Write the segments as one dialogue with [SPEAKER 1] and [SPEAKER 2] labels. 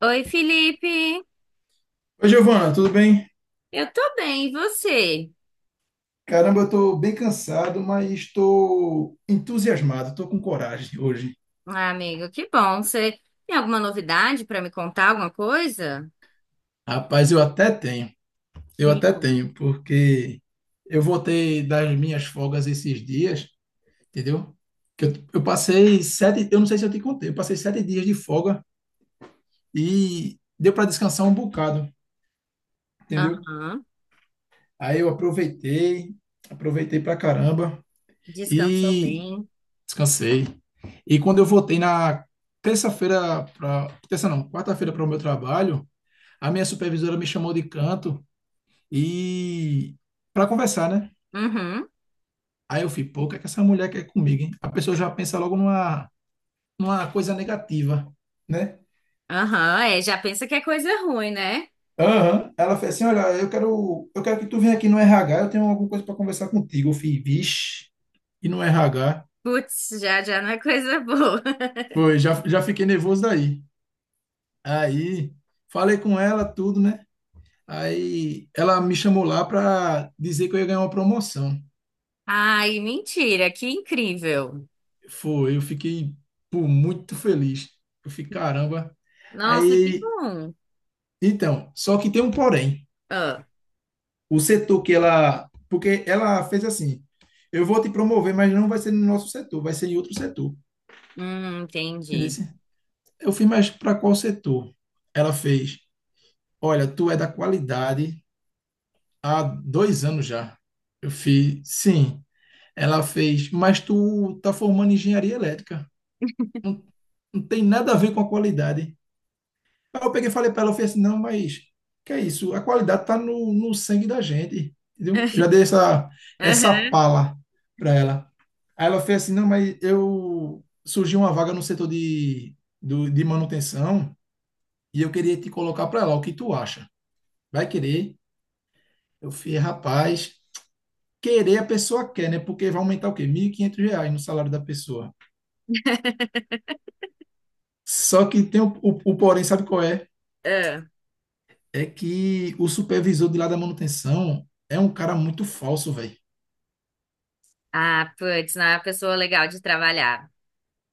[SPEAKER 1] Oi, Felipe.
[SPEAKER 2] Oi, Giovana, tudo bem?
[SPEAKER 1] Eu tô bem, e você?
[SPEAKER 2] Caramba, eu tô bem cansado, mas estou entusiasmado, estou com coragem hoje.
[SPEAKER 1] Ah, amigo, que bom. Você tem alguma novidade pra me contar, alguma coisa?
[SPEAKER 2] Rapaz, eu até tenho, eu
[SPEAKER 1] Me
[SPEAKER 2] até
[SPEAKER 1] conta.
[SPEAKER 2] tenho, porque eu voltei das minhas folgas esses dias, entendeu? Que eu passei sete, eu não sei se eu te contei, eu passei 7 dias de folga e deu para descansar um bocado, entendeu?
[SPEAKER 1] Aham.
[SPEAKER 2] Aí eu aproveitei, aproveitei pra caramba
[SPEAKER 1] Descansou
[SPEAKER 2] e
[SPEAKER 1] bem.
[SPEAKER 2] descansei. E quando eu voltei na terça-feira para, terça não, quarta-feira para o meu trabalho, a minha supervisora me chamou de canto e para conversar, né?
[SPEAKER 1] Uhum.
[SPEAKER 2] Aí eu fui, pô, o que é que essa mulher quer comigo, hein? A pessoa já pensa logo numa coisa negativa, né?
[SPEAKER 1] Aham, é, já pensa que é coisa ruim, né?
[SPEAKER 2] Aham. Ela fez assim, olha, eu quero que tu venha aqui no RH, eu tenho alguma coisa para conversar contigo. Eu fui, vixe, e no RH,
[SPEAKER 1] Putz, já já não é coisa boa.
[SPEAKER 2] foi, já fiquei nervoso daí. Aí, falei com ela, tudo, né? Aí ela me chamou lá para dizer que eu ia ganhar uma promoção.
[SPEAKER 1] Ai, mentira, que incrível.
[SPEAKER 2] Foi, eu fiquei, pô, muito feliz. Eu fiquei, caramba.
[SPEAKER 1] Nossa, que
[SPEAKER 2] Aí,
[SPEAKER 1] bom.
[SPEAKER 2] então, só que tem um porém.
[SPEAKER 1] Ah,
[SPEAKER 2] O setor que ela, porque ela fez assim, eu vou te promover, mas não vai ser no nosso setor, vai ser em outro setor. Entendeu?
[SPEAKER 1] entendi.
[SPEAKER 2] Eu fiz, mas para qual setor? Ela fez, olha, tu é da qualidade há 2 anos já. Eu fiz, sim. Ela fez, mas tu tá formando engenharia elétrica. Não, não tem nada a ver com a qualidade. Aí eu peguei e falei para ela, eu falei assim, não, mas que é isso? A qualidade está no, sangue da gente, entendeu? Eu já dei essa
[SPEAKER 1] Aham.
[SPEAKER 2] pala para ela. Aí ela fez assim, não, mas eu surgiu uma vaga no setor de manutenção e eu queria te colocar para lá, o que tu acha? Vai querer? Eu falei, rapaz, querer a pessoa quer, né? Porque vai aumentar o quê? Mil e quinhentos reais no salário da pessoa. Só que tem o porém, sabe qual é?
[SPEAKER 1] Ah,
[SPEAKER 2] É que o supervisor de lá da manutenção é um cara muito falso, velho.
[SPEAKER 1] Ah, putz, não é uma pessoa legal de trabalhar.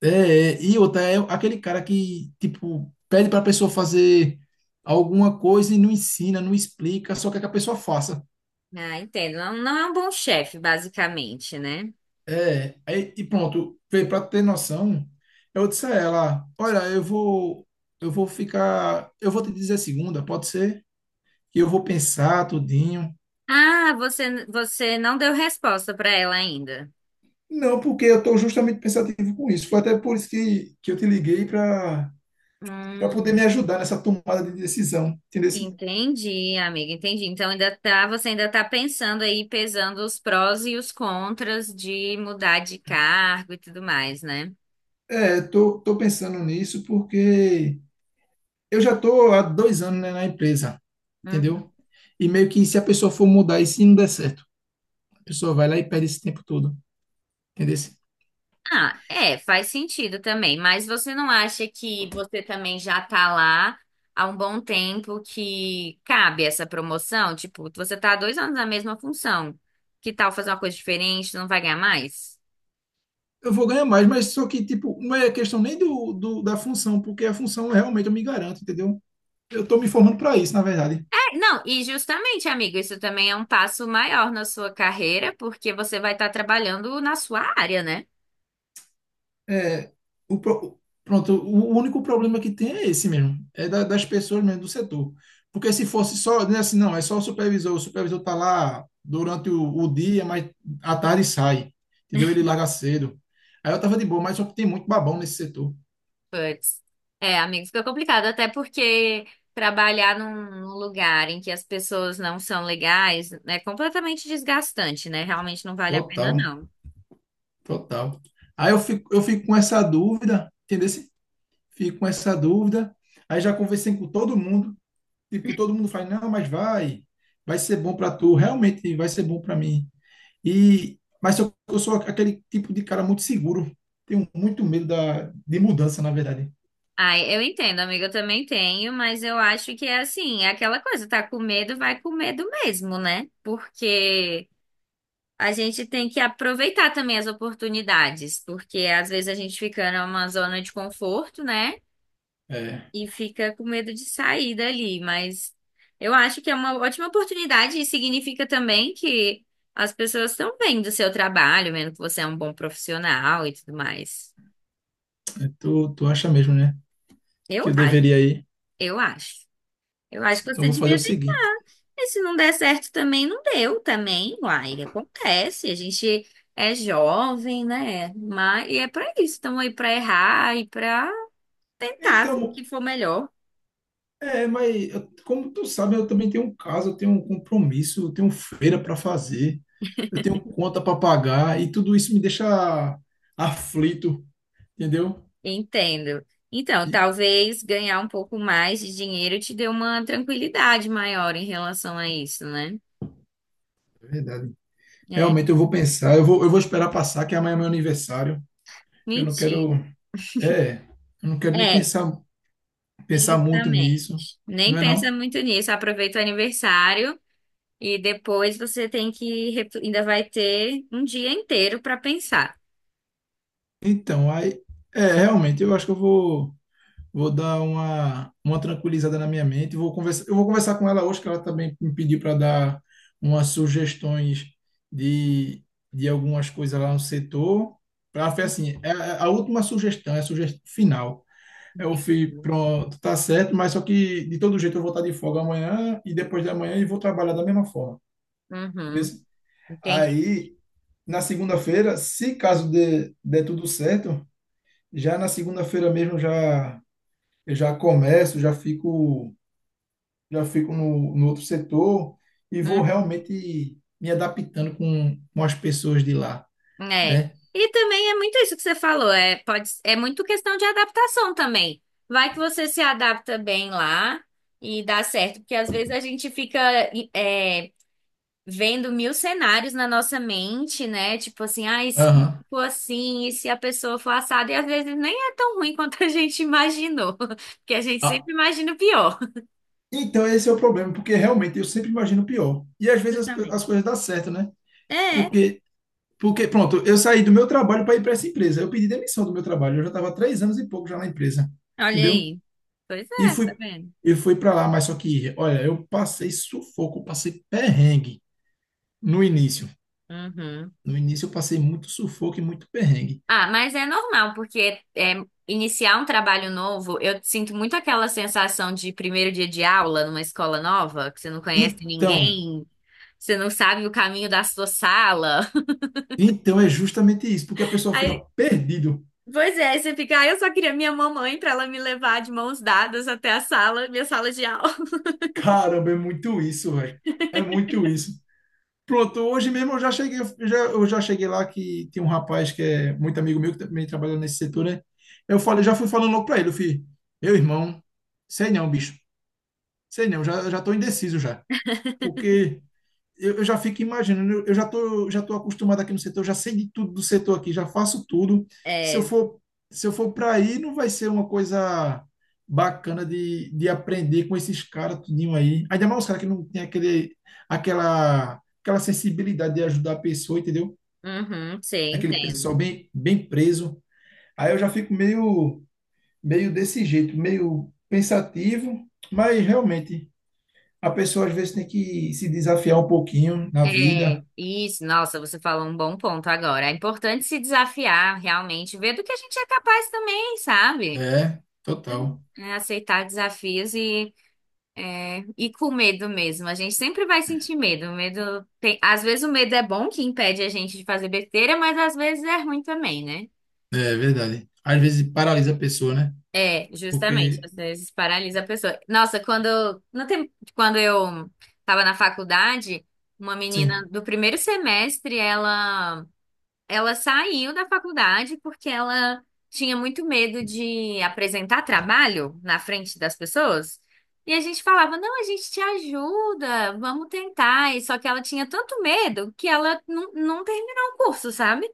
[SPEAKER 2] É, e outra, é aquele cara que, tipo, pede pra pessoa fazer alguma coisa e não ensina, não explica, só quer que a pessoa faça.
[SPEAKER 1] Ah, entendo. Não, não é um bom chefe, basicamente, né?
[SPEAKER 2] É, aí, e pronto, vê, pra ter noção, eu disse a ela, olha, eu vou ficar, eu vou te dizer segunda, pode ser? E eu vou pensar tudinho.
[SPEAKER 1] Ah, você não deu resposta para ela ainda.
[SPEAKER 2] Não, porque eu tô justamente pensativo com isso. Foi até por isso que eu te liguei pra para poder me
[SPEAKER 1] Hum,
[SPEAKER 2] ajudar nessa tomada de decisão, entendeu?
[SPEAKER 1] entendi, amiga, entendi. Então você ainda tá pensando aí, pesando os prós e os contras de mudar de cargo e tudo mais, né?
[SPEAKER 2] É, tô pensando nisso porque eu já tô há 2 anos, né, na empresa, entendeu? E meio que se a pessoa for mudar e se não der certo, a pessoa vai lá e perde esse tempo todo, entendeu?
[SPEAKER 1] Ah, é, faz sentido também, mas você não acha que você também já tá lá há um bom tempo que cabe essa promoção? Tipo, você tá há 2 anos na mesma função. Que tal fazer uma coisa diferente? Não vai ganhar mais?
[SPEAKER 2] Eu vou ganhar mais, mas só que, tipo, não é questão nem do, do da função, porque a função realmente eu me garanto, entendeu? Eu tô me formando para isso, na verdade.
[SPEAKER 1] É, não, e justamente, amigo, isso também é um passo maior na sua carreira, porque você vai estar trabalhando na sua área, né?
[SPEAKER 2] É, pronto, o único problema que tem é esse mesmo, é das pessoas mesmo, do setor. Porque se fosse só, né, assim, não, é só o supervisor está lá durante o dia, mas à tarde sai, entendeu? Ele larga cedo. Aí eu tava de boa, mas só que tem muito babão nesse setor.
[SPEAKER 1] Puts. É, amigo, fica complicado, até porque trabalhar num lugar em que as pessoas não são legais é completamente desgastante, né? Realmente não vale a pena,
[SPEAKER 2] Total,
[SPEAKER 1] não.
[SPEAKER 2] total. Aí eu fico com essa dúvida, entendeu? Fico com essa dúvida. Aí já conversei com todo mundo, tipo, todo mundo fala, não, mas vai ser bom para tu, realmente vai ser bom para mim. E, mas eu sou aquele tipo de cara muito seguro. Tenho muito medo de mudança, na verdade.
[SPEAKER 1] Ai, eu entendo, amiga, eu também tenho, mas eu acho que é assim, é aquela coisa, tá com medo, vai com medo mesmo, né? Porque a gente tem que aproveitar também as oportunidades, porque às vezes a gente fica numa zona de conforto, né?
[SPEAKER 2] É,
[SPEAKER 1] E fica com medo de sair dali, mas eu acho que é uma ótima oportunidade e significa também que as pessoas estão vendo o seu trabalho, vendo que você é um bom profissional e tudo mais.
[SPEAKER 2] tu acha mesmo, né? Que
[SPEAKER 1] Eu
[SPEAKER 2] eu
[SPEAKER 1] acho,
[SPEAKER 2] deveria ir.
[SPEAKER 1] eu acho. Eu acho que
[SPEAKER 2] Então eu
[SPEAKER 1] você
[SPEAKER 2] vou fazer o
[SPEAKER 1] devia ter.
[SPEAKER 2] seguinte.
[SPEAKER 1] E se não der certo também, não deu também, uai, acontece. A gente é jovem, né? Mas e é pra isso, estamos aí pra errar e pra
[SPEAKER 2] Então,
[SPEAKER 1] tentar o que for melhor.
[SPEAKER 2] é, como tu sabe, eu também tenho um caso, eu tenho um compromisso, eu tenho feira para fazer, eu tenho conta para pagar e tudo isso me deixa aflito, entendeu?
[SPEAKER 1] Entendo. Então,
[SPEAKER 2] E,
[SPEAKER 1] talvez ganhar um pouco mais de dinheiro te dê uma tranquilidade maior em relação a isso, né?
[SPEAKER 2] é verdade.
[SPEAKER 1] É,
[SPEAKER 2] Realmente eu vou pensar, eu vou esperar passar, que amanhã é meu aniversário. Eu não quero,
[SPEAKER 1] mentira.
[SPEAKER 2] é, eu não quero nem
[SPEAKER 1] É,
[SPEAKER 2] pensar muito
[SPEAKER 1] justamente.
[SPEAKER 2] nisso, não
[SPEAKER 1] Nem
[SPEAKER 2] é não?
[SPEAKER 1] pensa muito nisso. Aproveita o aniversário e depois você tem que ainda vai ter um dia inteiro para pensar.
[SPEAKER 2] Então, aí, é, realmente, eu acho que eu vou dar uma tranquilizada na minha mente, eu vou conversar com ela hoje, que ela também me pediu para dar umas sugestões de, de algumas coisas lá no setor. Ela fez assim, é a última sugestão, é a sugestão final. Eu
[SPEAKER 1] Entendi.
[SPEAKER 2] fui, pronto, tá certo, mas só que de todo jeito eu vou estar de folga amanhã e depois de amanhã e vou trabalhar da mesma forma. Entendeu?
[SPEAKER 1] Uhum, entendi.
[SPEAKER 2] Aí na segunda-feira, se caso dê tudo certo, já na segunda-feira mesmo já eu já começo, já fico no outro setor e vou
[SPEAKER 1] Uhum.
[SPEAKER 2] realmente me adaptando com as pessoas de lá,
[SPEAKER 1] É.
[SPEAKER 2] né?
[SPEAKER 1] E também é muito isso que você falou, é, pode, é muito questão de adaptação também. Vai que você se adapta bem lá e dá certo, porque às vezes a gente fica é, vendo mil cenários na nossa mente, né? Tipo assim, ah, e se
[SPEAKER 2] Aham.
[SPEAKER 1] for assim, e se a pessoa for assada, e às vezes nem é tão ruim quanto a gente imaginou, porque a gente
[SPEAKER 2] Ah,
[SPEAKER 1] sempre imagina o pior.
[SPEAKER 2] Então esse é o problema, porque realmente eu sempre imagino o pior. E às vezes as
[SPEAKER 1] Justamente.
[SPEAKER 2] coisas dão certo, né?
[SPEAKER 1] É,
[SPEAKER 2] Porque porque pronto, eu saí do meu trabalho para ir para essa empresa. Eu pedi demissão do meu trabalho. Eu já estava há 3 anos e pouco já na empresa,
[SPEAKER 1] olha
[SPEAKER 2] entendeu?
[SPEAKER 1] aí. Pois
[SPEAKER 2] E
[SPEAKER 1] é, tá
[SPEAKER 2] fui,
[SPEAKER 1] vendo?
[SPEAKER 2] e fui para lá, mas só que, olha, eu passei sufoco, eu passei perrengue no início.
[SPEAKER 1] Uhum.
[SPEAKER 2] No início eu passei muito sufoco e muito perrengue.
[SPEAKER 1] Ah, mas é normal, porque é, iniciar um trabalho novo, eu sinto muito aquela sensação de primeiro dia de aula numa escola nova, que você não conhece
[SPEAKER 2] Então,
[SPEAKER 1] ninguém, você não sabe o caminho da sua sala.
[SPEAKER 2] então é justamente isso, porque a pessoa fica
[SPEAKER 1] Aí,
[SPEAKER 2] perdido.
[SPEAKER 1] pois é, aí você fica, ah, eu só queria minha mamãe pra ela me levar de mãos dadas até a sala, minha sala de aula.
[SPEAKER 2] Caramba, é muito isso, velho. É muito isso. Pronto, hoje mesmo eu já cheguei lá que tem um rapaz que é muito amigo meu que também trabalha nesse setor, né? Eu falei, já fui falando logo para ele, eu falei, meu irmão, sei não, bicho. Sei não, já tô indeciso já. Porque eu já fico imaginando, eu já tô acostumado aqui no setor, eu já sei de tudo do setor aqui, já faço tudo. Se eu
[SPEAKER 1] É,
[SPEAKER 2] for, se eu for para aí, não vai ser uma coisa bacana de aprender com esses caras tudinho aí. Ainda mais os caras que não tem aquela sensibilidade de ajudar a pessoa, entendeu?
[SPEAKER 1] uhum, sim,
[SPEAKER 2] Aquele
[SPEAKER 1] entendo.
[SPEAKER 2] pessoal bem, bem preso. Aí eu já fico meio desse jeito, meio pensativo, mas realmente a pessoa às vezes tem que se desafiar um pouquinho na vida.
[SPEAKER 1] É, isso, nossa, você falou um bom ponto agora. É importante se desafiar realmente, ver do que a gente é capaz também, sabe?
[SPEAKER 2] É, total.
[SPEAKER 1] É aceitar desafios e, é, e com medo mesmo. A gente sempre vai sentir medo. O medo tem, às vezes o medo é bom que impede a gente de fazer besteira, mas às vezes é ruim também, né?
[SPEAKER 2] É verdade. Às vezes paralisa a pessoa, né?
[SPEAKER 1] É, justamente,
[SPEAKER 2] Porque,
[SPEAKER 1] às vezes paralisa a pessoa. Nossa, quando no tempo, quando eu estava na faculdade, uma menina
[SPEAKER 2] sim.
[SPEAKER 1] do primeiro semestre, ela. Ela saiu da faculdade porque ela tinha muito medo de apresentar trabalho na frente das pessoas. E a gente falava, não, a gente te ajuda, vamos tentar. E só que ela tinha tanto medo que ela não terminou o curso, sabe?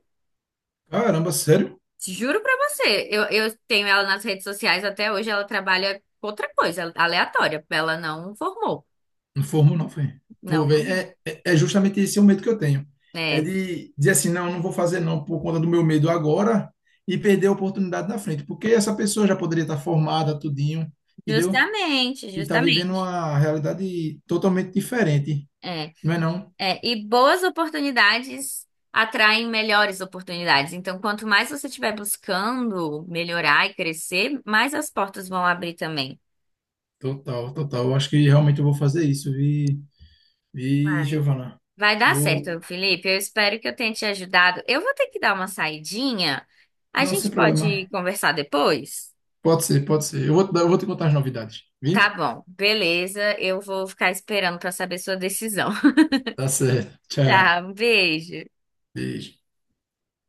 [SPEAKER 2] Caramba, sério?
[SPEAKER 1] Juro pra você. Eu tenho ela nas redes sociais até hoje, ela trabalha com outra coisa, aleatória. Ela não formou.
[SPEAKER 2] Não formou, não, foi. Pô,
[SPEAKER 1] Não
[SPEAKER 2] velho,
[SPEAKER 1] formou.
[SPEAKER 2] é justamente esse o medo que eu tenho. É
[SPEAKER 1] É,
[SPEAKER 2] de dizer assim, não, não vou fazer não por conta do meu medo agora e perder a oportunidade na frente. Porque essa pessoa já poderia estar formada, tudinho, entendeu?
[SPEAKER 1] justamente,
[SPEAKER 2] E tá vivendo
[SPEAKER 1] justamente.
[SPEAKER 2] uma realidade totalmente diferente.
[SPEAKER 1] É.
[SPEAKER 2] Não é não?
[SPEAKER 1] É, e boas oportunidades atraem melhores oportunidades. Então, quanto mais você estiver buscando melhorar e crescer, mais as portas vão abrir também.
[SPEAKER 2] Total, total. Eu acho que realmente eu vou fazer isso, vi, vi,
[SPEAKER 1] Ai,
[SPEAKER 2] Giovana.
[SPEAKER 1] vai dar
[SPEAKER 2] Vou.
[SPEAKER 1] certo, Felipe. Eu espero que eu tenha te ajudado. Eu vou ter que dar uma saidinha. A
[SPEAKER 2] Não, sem
[SPEAKER 1] gente pode
[SPEAKER 2] problema.
[SPEAKER 1] conversar depois?
[SPEAKER 2] Pode ser, pode ser. Eu vou te contar as novidades,
[SPEAKER 1] Tá
[SPEAKER 2] vi?
[SPEAKER 1] bom, beleza. Eu vou ficar esperando para saber sua decisão.
[SPEAKER 2] Tá certo. Tchau.
[SPEAKER 1] Tá, um beijo.
[SPEAKER 2] Beijo.